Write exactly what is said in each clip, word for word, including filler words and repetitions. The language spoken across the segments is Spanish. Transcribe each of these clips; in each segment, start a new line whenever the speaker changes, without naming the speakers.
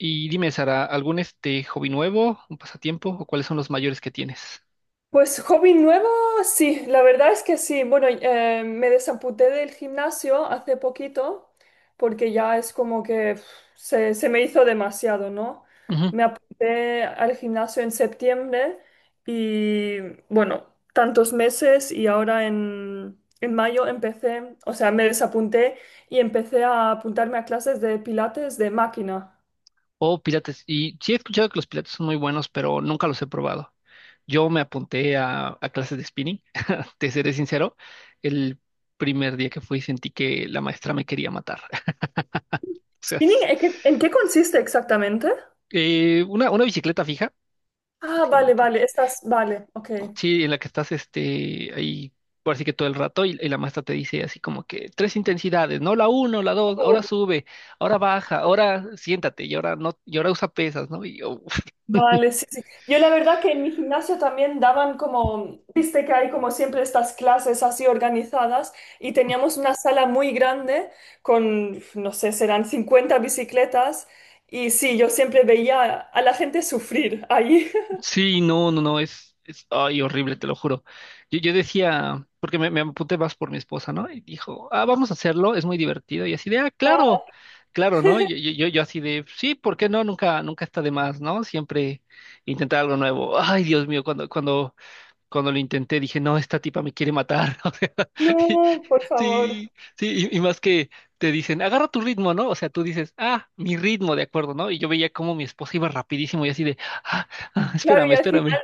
Y dime, Sara, ¿algún este hobby nuevo, un pasatiempo o cuáles son los mayores que tienes?
Pues hobby nuevo, sí, la verdad es que sí. Bueno, eh, me desamputé del gimnasio hace poquito porque ya es como que pf, se, se me hizo demasiado, ¿no?
Ujú.
Me apunté al gimnasio en septiembre y bueno, tantos meses y ahora en, en mayo empecé, o sea, me desapunté y empecé a apuntarme a clases de pilates de máquina.
O pilates. Y sí he escuchado que los pilates son muy buenos, pero nunca los he probado. Yo me apunté a, a clases de spinning. Te seré sincero, el primer día que fui sentí que la maestra me quería matar. O sea,
¿Spinning?
es-
¿En qué en qué consiste exactamente?
eh, una, una bicicleta fija,
Ah, vale,
prácticamente.
vale, estás, vale, ok.
Sí, en la que estás este, ahí, por así que todo el rato, y, y la maestra te dice así como que tres intensidades, no la uno, la dos, ahora sube, ahora baja, ahora siéntate, y ahora no, y ahora usa pesas, ¿no? Y yo,
Vale, sí, sí. Yo la verdad que en mi gimnasio también daban como, viste que hay como siempre estas clases así organizadas y teníamos una sala muy grande con, no sé, serán cincuenta bicicletas y sí, yo siempre veía a la gente sufrir ahí.
sí, no, no, no, es, es, ay, horrible, te lo juro. Yo, yo decía, porque me, me apunté más por mi esposa, ¿no? Y dijo, ah, vamos a hacerlo, es muy divertido, y así de, ah,
Ah,
claro, claro, ¿no? Yo, yo, yo yo así de, sí, ¿por qué no? Nunca, nunca está de más, ¿no? Siempre intentar algo nuevo. Ay, Dios mío, cuando, cuando cuando lo intenté dije, no, esta tipa me quiere matar. O sea, y-
no, por favor.
sí, sí, y, y más que te dicen, agarra tu ritmo, ¿no? O sea, tú dices, ah, mi ritmo, de acuerdo, ¿no? Y yo veía cómo mi esposa iba rapidísimo y así de, ah, ah,
Claro,
espérame,
y al
espérame.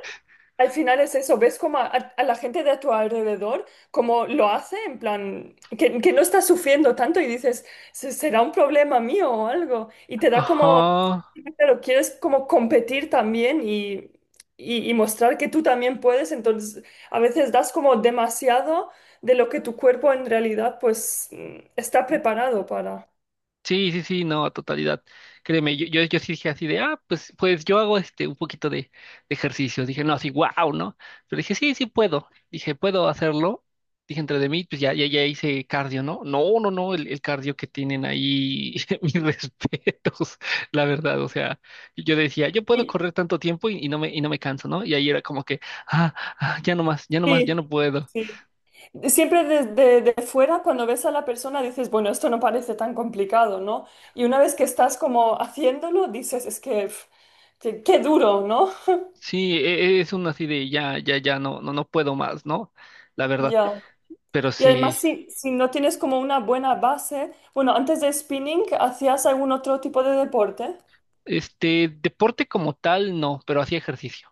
Al final es eso, ves como a, a, la gente de a tu alrededor, como lo hace, en plan, que, que no está sufriendo tanto y dices, "Se- será un problema mío o algo". Y te da como,
Ajá.
pero quieres como competir también y, y, y mostrar que tú también puedes, entonces a veces das como demasiado de lo que tu cuerpo en realidad pues mm, está preparado para.
Sí, sí, sí, no, a totalidad. Créeme, yo, yo, yo sí dije así de, ah, pues, pues yo hago este un poquito de, de ejercicio. Dije, no, así, wow, ¿no? Pero dije, sí, sí puedo. Dije, puedo hacerlo. Dije, entre de mí, pues ya, ya, ya hice cardio, ¿no? No, no, no, el, el cardio que tienen ahí, mis respetos, la verdad. O sea, yo decía, yo puedo
Y-
correr tanto tiempo y, y no me, y no me canso, ¿no? Y ahí era como que, ah, ah, ya no más, ya no más, ya
Sí,
no puedo.
sí. Siempre desde de fuera, cuando ves a la persona, dices, bueno, esto no parece tan complicado, ¿no? Y una vez que estás como haciéndolo, dices, es que, pf, qué, qué duro, ¿no?
Sí, e- e- es un así de ya, ya, ya no, no, no puedo más, ¿no? La verdad.
Ya.
Pero
Y
sí,
además, si, si no tienes como una buena base, bueno, antes de spinning, ¿hacías algún otro tipo de deporte?
este deporte como tal, no, pero hacía ejercicio.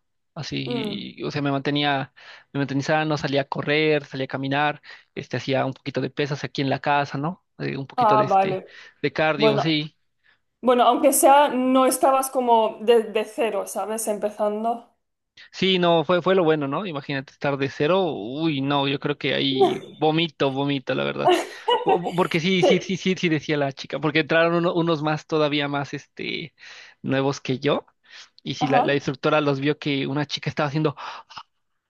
Mm.
Así, o sea, me mantenía, me mantenía sano, salía a correr, salía a caminar, este, hacía un poquito de pesas aquí en la casa, ¿no? Eh, un poquito de
Ah,
este,
vale.
de cardio,
Bueno,
sí.
bueno, aunque sea, no estabas como de, de cero, ¿sabes? Empezando.
Sí, no, fue, fue lo bueno, ¿no? Imagínate estar de cero. Uy, no, yo creo que ahí vomito, vomito, la verdad. Po- po- Porque sí,
Sí.
sí, sí, sí, sí, decía la chica, porque entraron uno- unos más, todavía más, este, nuevos que yo. Y si la, la
Ajá.
instructora los vio que una chica estaba haciendo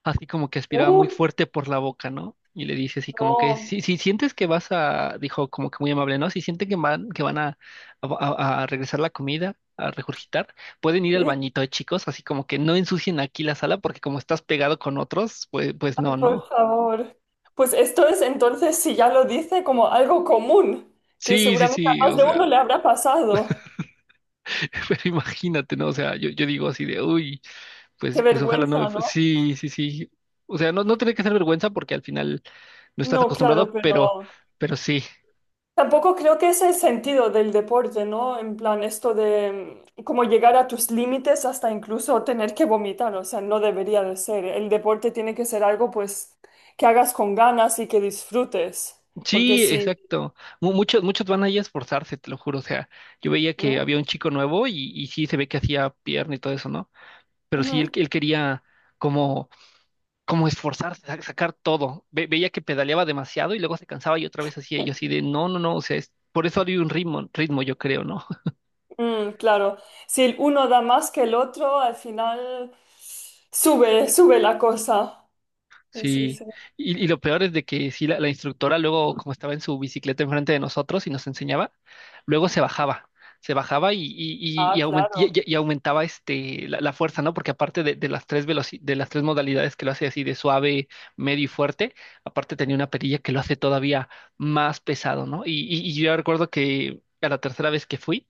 así como que aspiraba
Uh,
muy fuerte por la boca, ¿no? Y le dice así como que,
no.
si, si sientes que vas a, dijo como que muy amable, ¿no? Si sienten que van, que van a, a, a- a regresar la comida, a regurgitar, pueden ir al
Sí.
bañito, eh, chicos, así como que no ensucien aquí la sala porque como estás pegado con otros, pues, pues, no,
Por
no.
favor. Pues esto es entonces, si ya lo dice, como algo común, que
Sí, sí,
seguramente
sí,
a más
o
de
sea,
uno le habrá pasado.
pero imagínate, ¿no? O sea, yo, yo digo así de, uy,
Qué
pues, pues ojalá no me...
vergüenza,
fu-".
¿no?
Sí, sí, sí. O sea, no, no tiene que ser vergüenza porque al final no estás
No, claro,
acostumbrado, pero,
pero
pero sí.
tampoco creo que es el sentido del deporte, ¿no? En plan, esto de mm, como llegar a tus límites hasta incluso tener que vomitar, o sea, no debería de ser. El deporte tiene que ser algo, pues, que hagas con ganas y que disfrutes, porque
Sí,
si...
exacto. Mu- Muchos, muchos van ahí a esforzarse, te lo juro. O sea, yo veía que
Ujú,
había un chico nuevo y, y sí se ve que hacía pierna y todo eso, ¿no? Pero sí, él,
ujú.
él quería como como esforzarse, sa- sacar todo. Ve- veía que pedaleaba demasiado y luego se cansaba y otra vez hacía yo así de, no, no, no, o sea, es- por eso había un ritmo, ritmo, yo creo, ¿no?
Mm, claro, si el uno da más que el otro, al final sube, sube la cosa. Sí, sí,
Sí,
sí.
y, y lo peor es de que sí, la, la instructora luego, como estaba en su bicicleta enfrente de nosotros y nos enseñaba, luego se bajaba, se bajaba y, y, y, y
Ah,
aument- y-
claro.
y- y aumentaba este, la, la fuerza, ¿no? Porque aparte de, de las tres veloci- de las tres modalidades que lo hace así de suave, medio y fuerte, aparte tenía una perilla que lo hace todavía más pesado, ¿no? Y, y, y yo recuerdo que a la tercera vez que fui,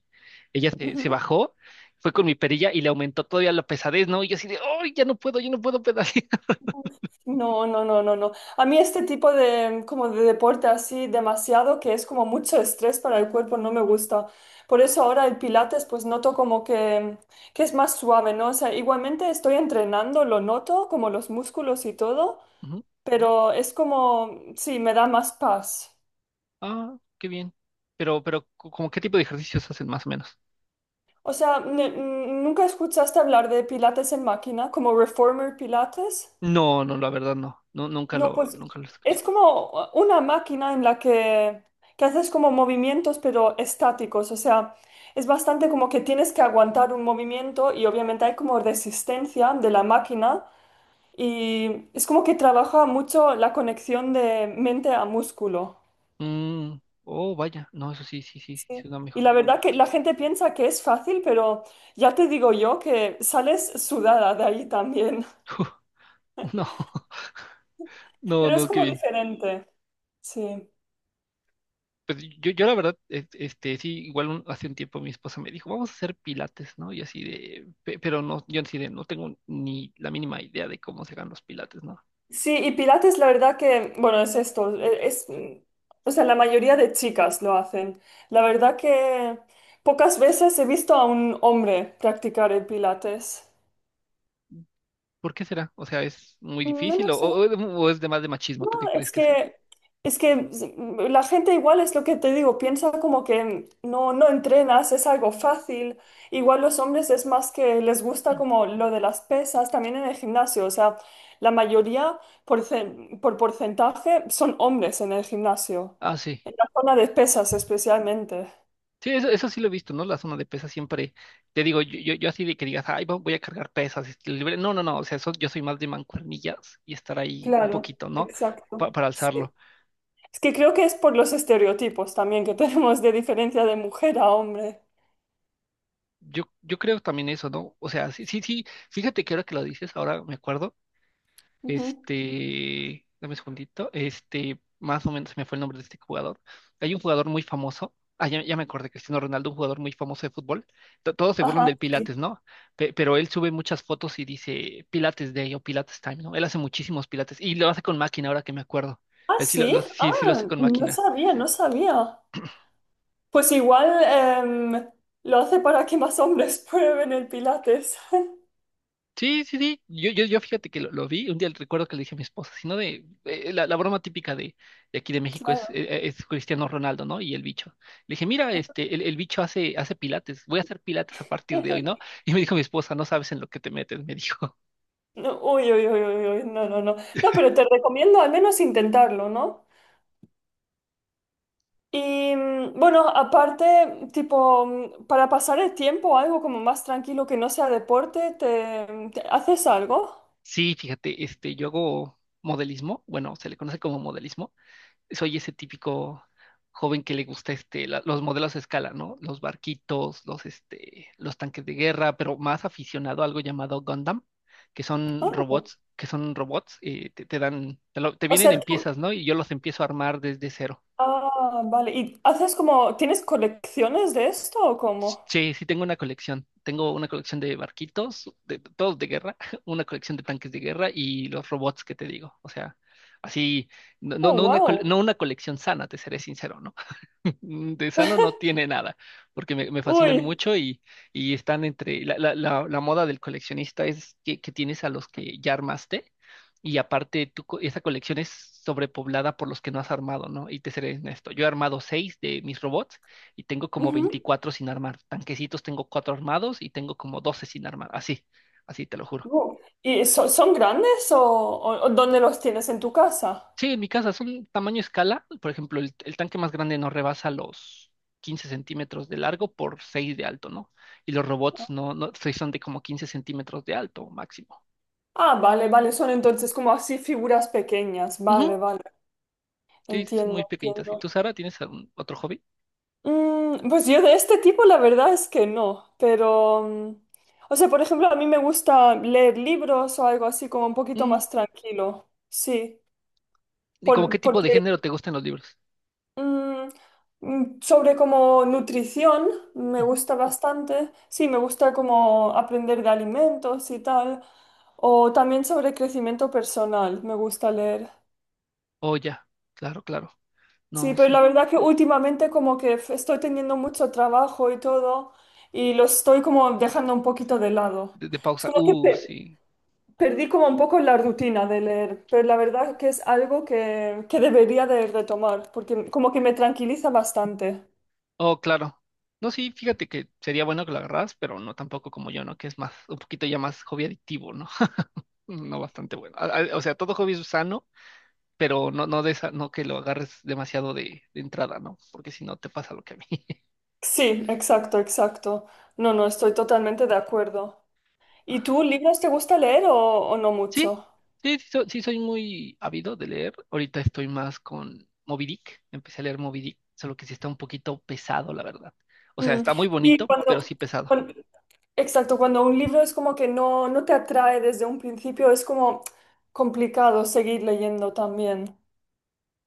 ella se,
Ujú.
se bajó, fue con mi perilla y le aumentó todavía la pesadez, ¿no? Y yo así de, ¡ay, ya no puedo, yo no puedo pedalear!
No, no, no, no, no. A mí este tipo de, como de deporte así demasiado, que es como mucho estrés para el cuerpo, no me gusta. Por eso ahora el pilates, pues noto como que, que es más suave, ¿no? O sea, igualmente estoy entrenando, lo noto, como los músculos y todo, pero es como, sí, me da más paz.
Ah, qué bien. Pero, pero, co- ¿cómo qué tipo de ejercicios hacen más o menos?
O sea, ne- n- ¿nunca escuchaste hablar de Pilates en máquina, como Reformer Pilates?
No, no, la verdad no. No, nunca
No,
lo,
pues
nunca lo escuché.
es como una máquina en la que, que haces como movimientos, pero estáticos. O sea, es bastante como que tienes que aguantar un movimiento y obviamente hay como resistencia de la máquina y es como que trabaja mucho la conexión de mente a músculo.
Mm, oh, vaya. No, eso sí, sí, sí, sí, sí
Sí.
suena
Y
mejor.
la verdad que la gente piensa que es fácil, pero ya te digo yo que sales sudada de ahí también.
No, no,
Pero es
no, qué
como
bien.
diferente, sí.
Pues yo, yo la verdad, es- este, sí, igual un- hace un tiempo mi esposa me dijo, vamos a hacer pilates, ¿no? Y así de, pe- pero no, yo así de, no tengo ni la mínima idea de cómo se hagan los pilates, ¿no?
Sí, y Pilates la verdad que, bueno, es esto, e- es, mm, o sea, la mayoría de chicas lo hacen. La verdad que pocas veces he visto a un hombre practicar el Pilates.
¿Por qué será? O sea, ¿es muy
Mm, No
difícil
lo
o,
sé.
o- o es de más de machismo?
No,
¿Tú qué crees
es
que sea?
que, es que sí, la gente igual es lo que te digo, piensa como que no, no entrenas, es algo fácil. Igual los hombres es más que les gusta como lo de las pesas, también en el gimnasio. O sea, la mayoría por, cen- por porcentaje son hombres en el gimnasio,
Ah, sí.
en la zona de pesas especialmente.
Sí, eso, eso sí lo he visto, ¿no? La zona de pesas siempre, te digo, yo, yo, yo así de que digas, ay, vo- voy a cargar pesas, este, libre. No, no, no, o sea, eso- yo soy más de mancuernillas y estar ahí un
Claro,
poquito, ¿no? Pa-
exacto.
para
Sí.
alzarlo.
Es que creo que es por los estereotipos también que tenemos de diferencia de mujer a hombre.
Yo, yo creo también eso, ¿no? O sea, sí, sí, sí, fíjate que ahora que lo dices, ahora me acuerdo.
Ujú.
Este, dame un segundito. Este, más o menos se me fue el nombre de este jugador. Hay un jugador muy famoso. Ah, ya, ya me acordé, Cristiano Ronaldo, un jugador muy famoso de fútbol. To- todos se burlan
Ajá.
del
Sí.
Pilates, ¿no? Pe- pero él sube muchas fotos y dice Pilates Day o Pilates Time, ¿no? Él hace muchísimos Pilates y lo hace con máquina, ahora que me acuerdo.
Ah,
Él sí lo,
sí,
lo- sí, sí lo hace
ah,
con
no
máquina.
sabía, no sabía. Pues igual em, lo hace para que más hombres prueben el Pilates.
Sí, sí, sí. Yo, yo, yo fíjate que lo, lo vi. Un día recuerdo que le dije a mi esposa, sino de eh, la, la broma típica de, de aquí de México es,
Claro.
eh, es Cristiano Ronaldo, ¿no? Y el bicho. Le dije, mira, este, el, el bicho hace, hace pilates, voy a hacer pilates a partir de hoy, ¿no? Y me dijo mi esposa, no sabes en lo que te metes, me dijo.
No, uy, uy, uy, uy, uy, no, no, no. No, pero te recomiendo al menos intentarlo, ¿no? Y mm, bueno, aparte, tipo, mm, para pasar el tiempo, algo como más tranquilo que no sea deporte, ¿te, te- haces algo?
Sí, fíjate, este, yo hago modelismo, bueno, se le conoce como modelismo. soy ese típico joven que le gusta este, la- los modelos a escala, ¿no? Los barquitos, los, este, los tanques de guerra, pero más aficionado a algo llamado Gundam, que son
Ah,
robots, que son robots, eh, te, te dan, te, lo- te
o
vienen
sea,
en
tú.
piezas, ¿no? Y yo los empiezo a armar desde cero.
Ah, vale. ¿Y haces como, tienes colecciones de esto o cómo?
Sí, sí tengo una colección. Tengo una colección de barquitos, de, todos de guerra, una colección de tanques de guerra y los robots que te digo. O sea, así, no, no,
Oh,
no una, col-
wow.
no una colección sana, te seré sincero, ¿no? De sano no tiene nada, porque me, me fascinan
Uy.
mucho y, y están entre la, la, la, la moda del coleccionista es que, que tienes a los que ya armaste y aparte tu, co- esa colección es sobrepoblada por los que no has armado, ¿no? Y te seré honesto, yo he armado seis de mis robots y tengo como
Ujú.
veinticuatro sin armar, tanquecitos tengo cuatro armados y tengo como doce sin armar, así, así te lo juro.
Uh, ¿Y so- son grandes o, o- o dónde los tienes en tu casa?
Sí, en mi casa son tamaño escala. Por ejemplo, el, el tanque más grande no rebasa los quince centímetros de largo por seis de alto, ¿no? Y los robots no, no sí son de como quince centímetros de alto máximo.
Ah, vale, vale, son entonces como así figuras pequeñas. Vale,
Ujú,
vale,
sí, son muy
entiendo,
pequeñitas. ¿Y
entiendo.
tú, Sara, tienes algún otro hobby?
Mm, pues yo de este tipo la verdad es que no, pero... mm, o sea, por ejemplo, a mí me gusta leer libros o algo así como un poquito
Mm,
más tranquilo. Sí,
¿Y como qué
por,
tipo de
porque
género te gustan los libros?
Mm, mm, sobre como nutrición, me
Ujú.
gusta bastante. Sí, me gusta como aprender de alimentos y tal. O también sobre crecimiento personal, me gusta leer.
Oh, ya. Claro, claro.
Sí,
No,
pero la
sí.
verdad que últimamente como que f- estoy teniendo mucho trabajo y todo y lo estoy como dejando un poquito de lado.
De, de
Es
pausa.
como que
Uh,
pe-
sí.
perdí como un poco la rutina de leer, pero la verdad que es algo que, que, debería de retomar porque como que me tranquiliza bastante.
Oh, claro. No, sí, fíjate que sería bueno que lo agarras, pero no tampoco como yo, ¿no? Que es más, un poquito ya más hobby adictivo, ¿no? No bastante bueno. A- a- O sea, todo hobby es sano, pero no, no de esa, no que lo agarres demasiado de, de entrada, ¿no? Porque si no te pasa lo que a mí.
Sí, exacto, exacto. No, no, estoy totalmente de acuerdo. ¿Y tú, libros te gusta leer o, o no
Sí,
mucho?
sí, sí, so- sí soy muy ávido de leer. Ahorita estoy más con Moby Dick. Empecé a leer Moby Dick, solo que sí está un poquito pesado, la verdad. O sea,
Mm,
está muy
Sí,
bonito, pero
cuando,
sí pesado.
cuan- exacto, cuando un libro es como que no, no te atrae desde un principio, es como complicado seguir leyendo también.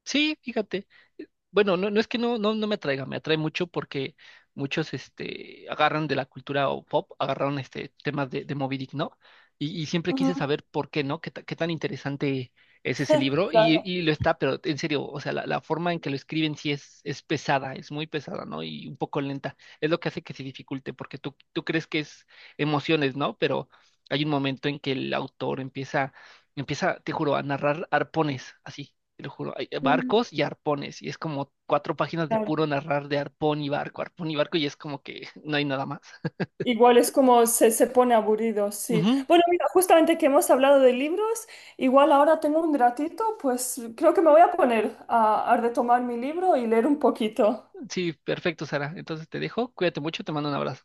Sí, fíjate. eh, Bueno, no, no es que no, no, no me atraiga, me atrae mucho porque muchos este, agarran de la cultura o pop, agarraron este, temas de, de Moby Dick, ¿no? Y, y siempre
Ujú,
quise saber por qué, ¿no? Qué, ta- qué tan interesante es ese libro? Y,
claro.
y lo está, pero en serio, o sea, la, la forma en que lo escriben sí es, es, pesada, es muy pesada, ¿no? Y un poco lenta. Es lo que hace que se dificulte, porque tú, tú crees que es emociones, ¿no? Pero hay un momento en que el autor empieza, empieza, te juro, a narrar arpones así te lo juro, hay
Mm.
barcos y arpones, y es como cuatro páginas de puro
Claro.
narrar de arpón y barco, arpón y barco, y es como que no hay nada más.
Igual es como se, se pone aburrido, sí.
Ujú,
Bueno, mira, justamente que hemos hablado de libros, igual ahora tengo un ratito, pues creo que me voy a poner a, a, retomar mi libro y leer un poquito.
sí, perfecto, Sara. Entonces te dejo, cuídate mucho, te mando un abrazo.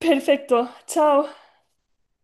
Perfecto, chao.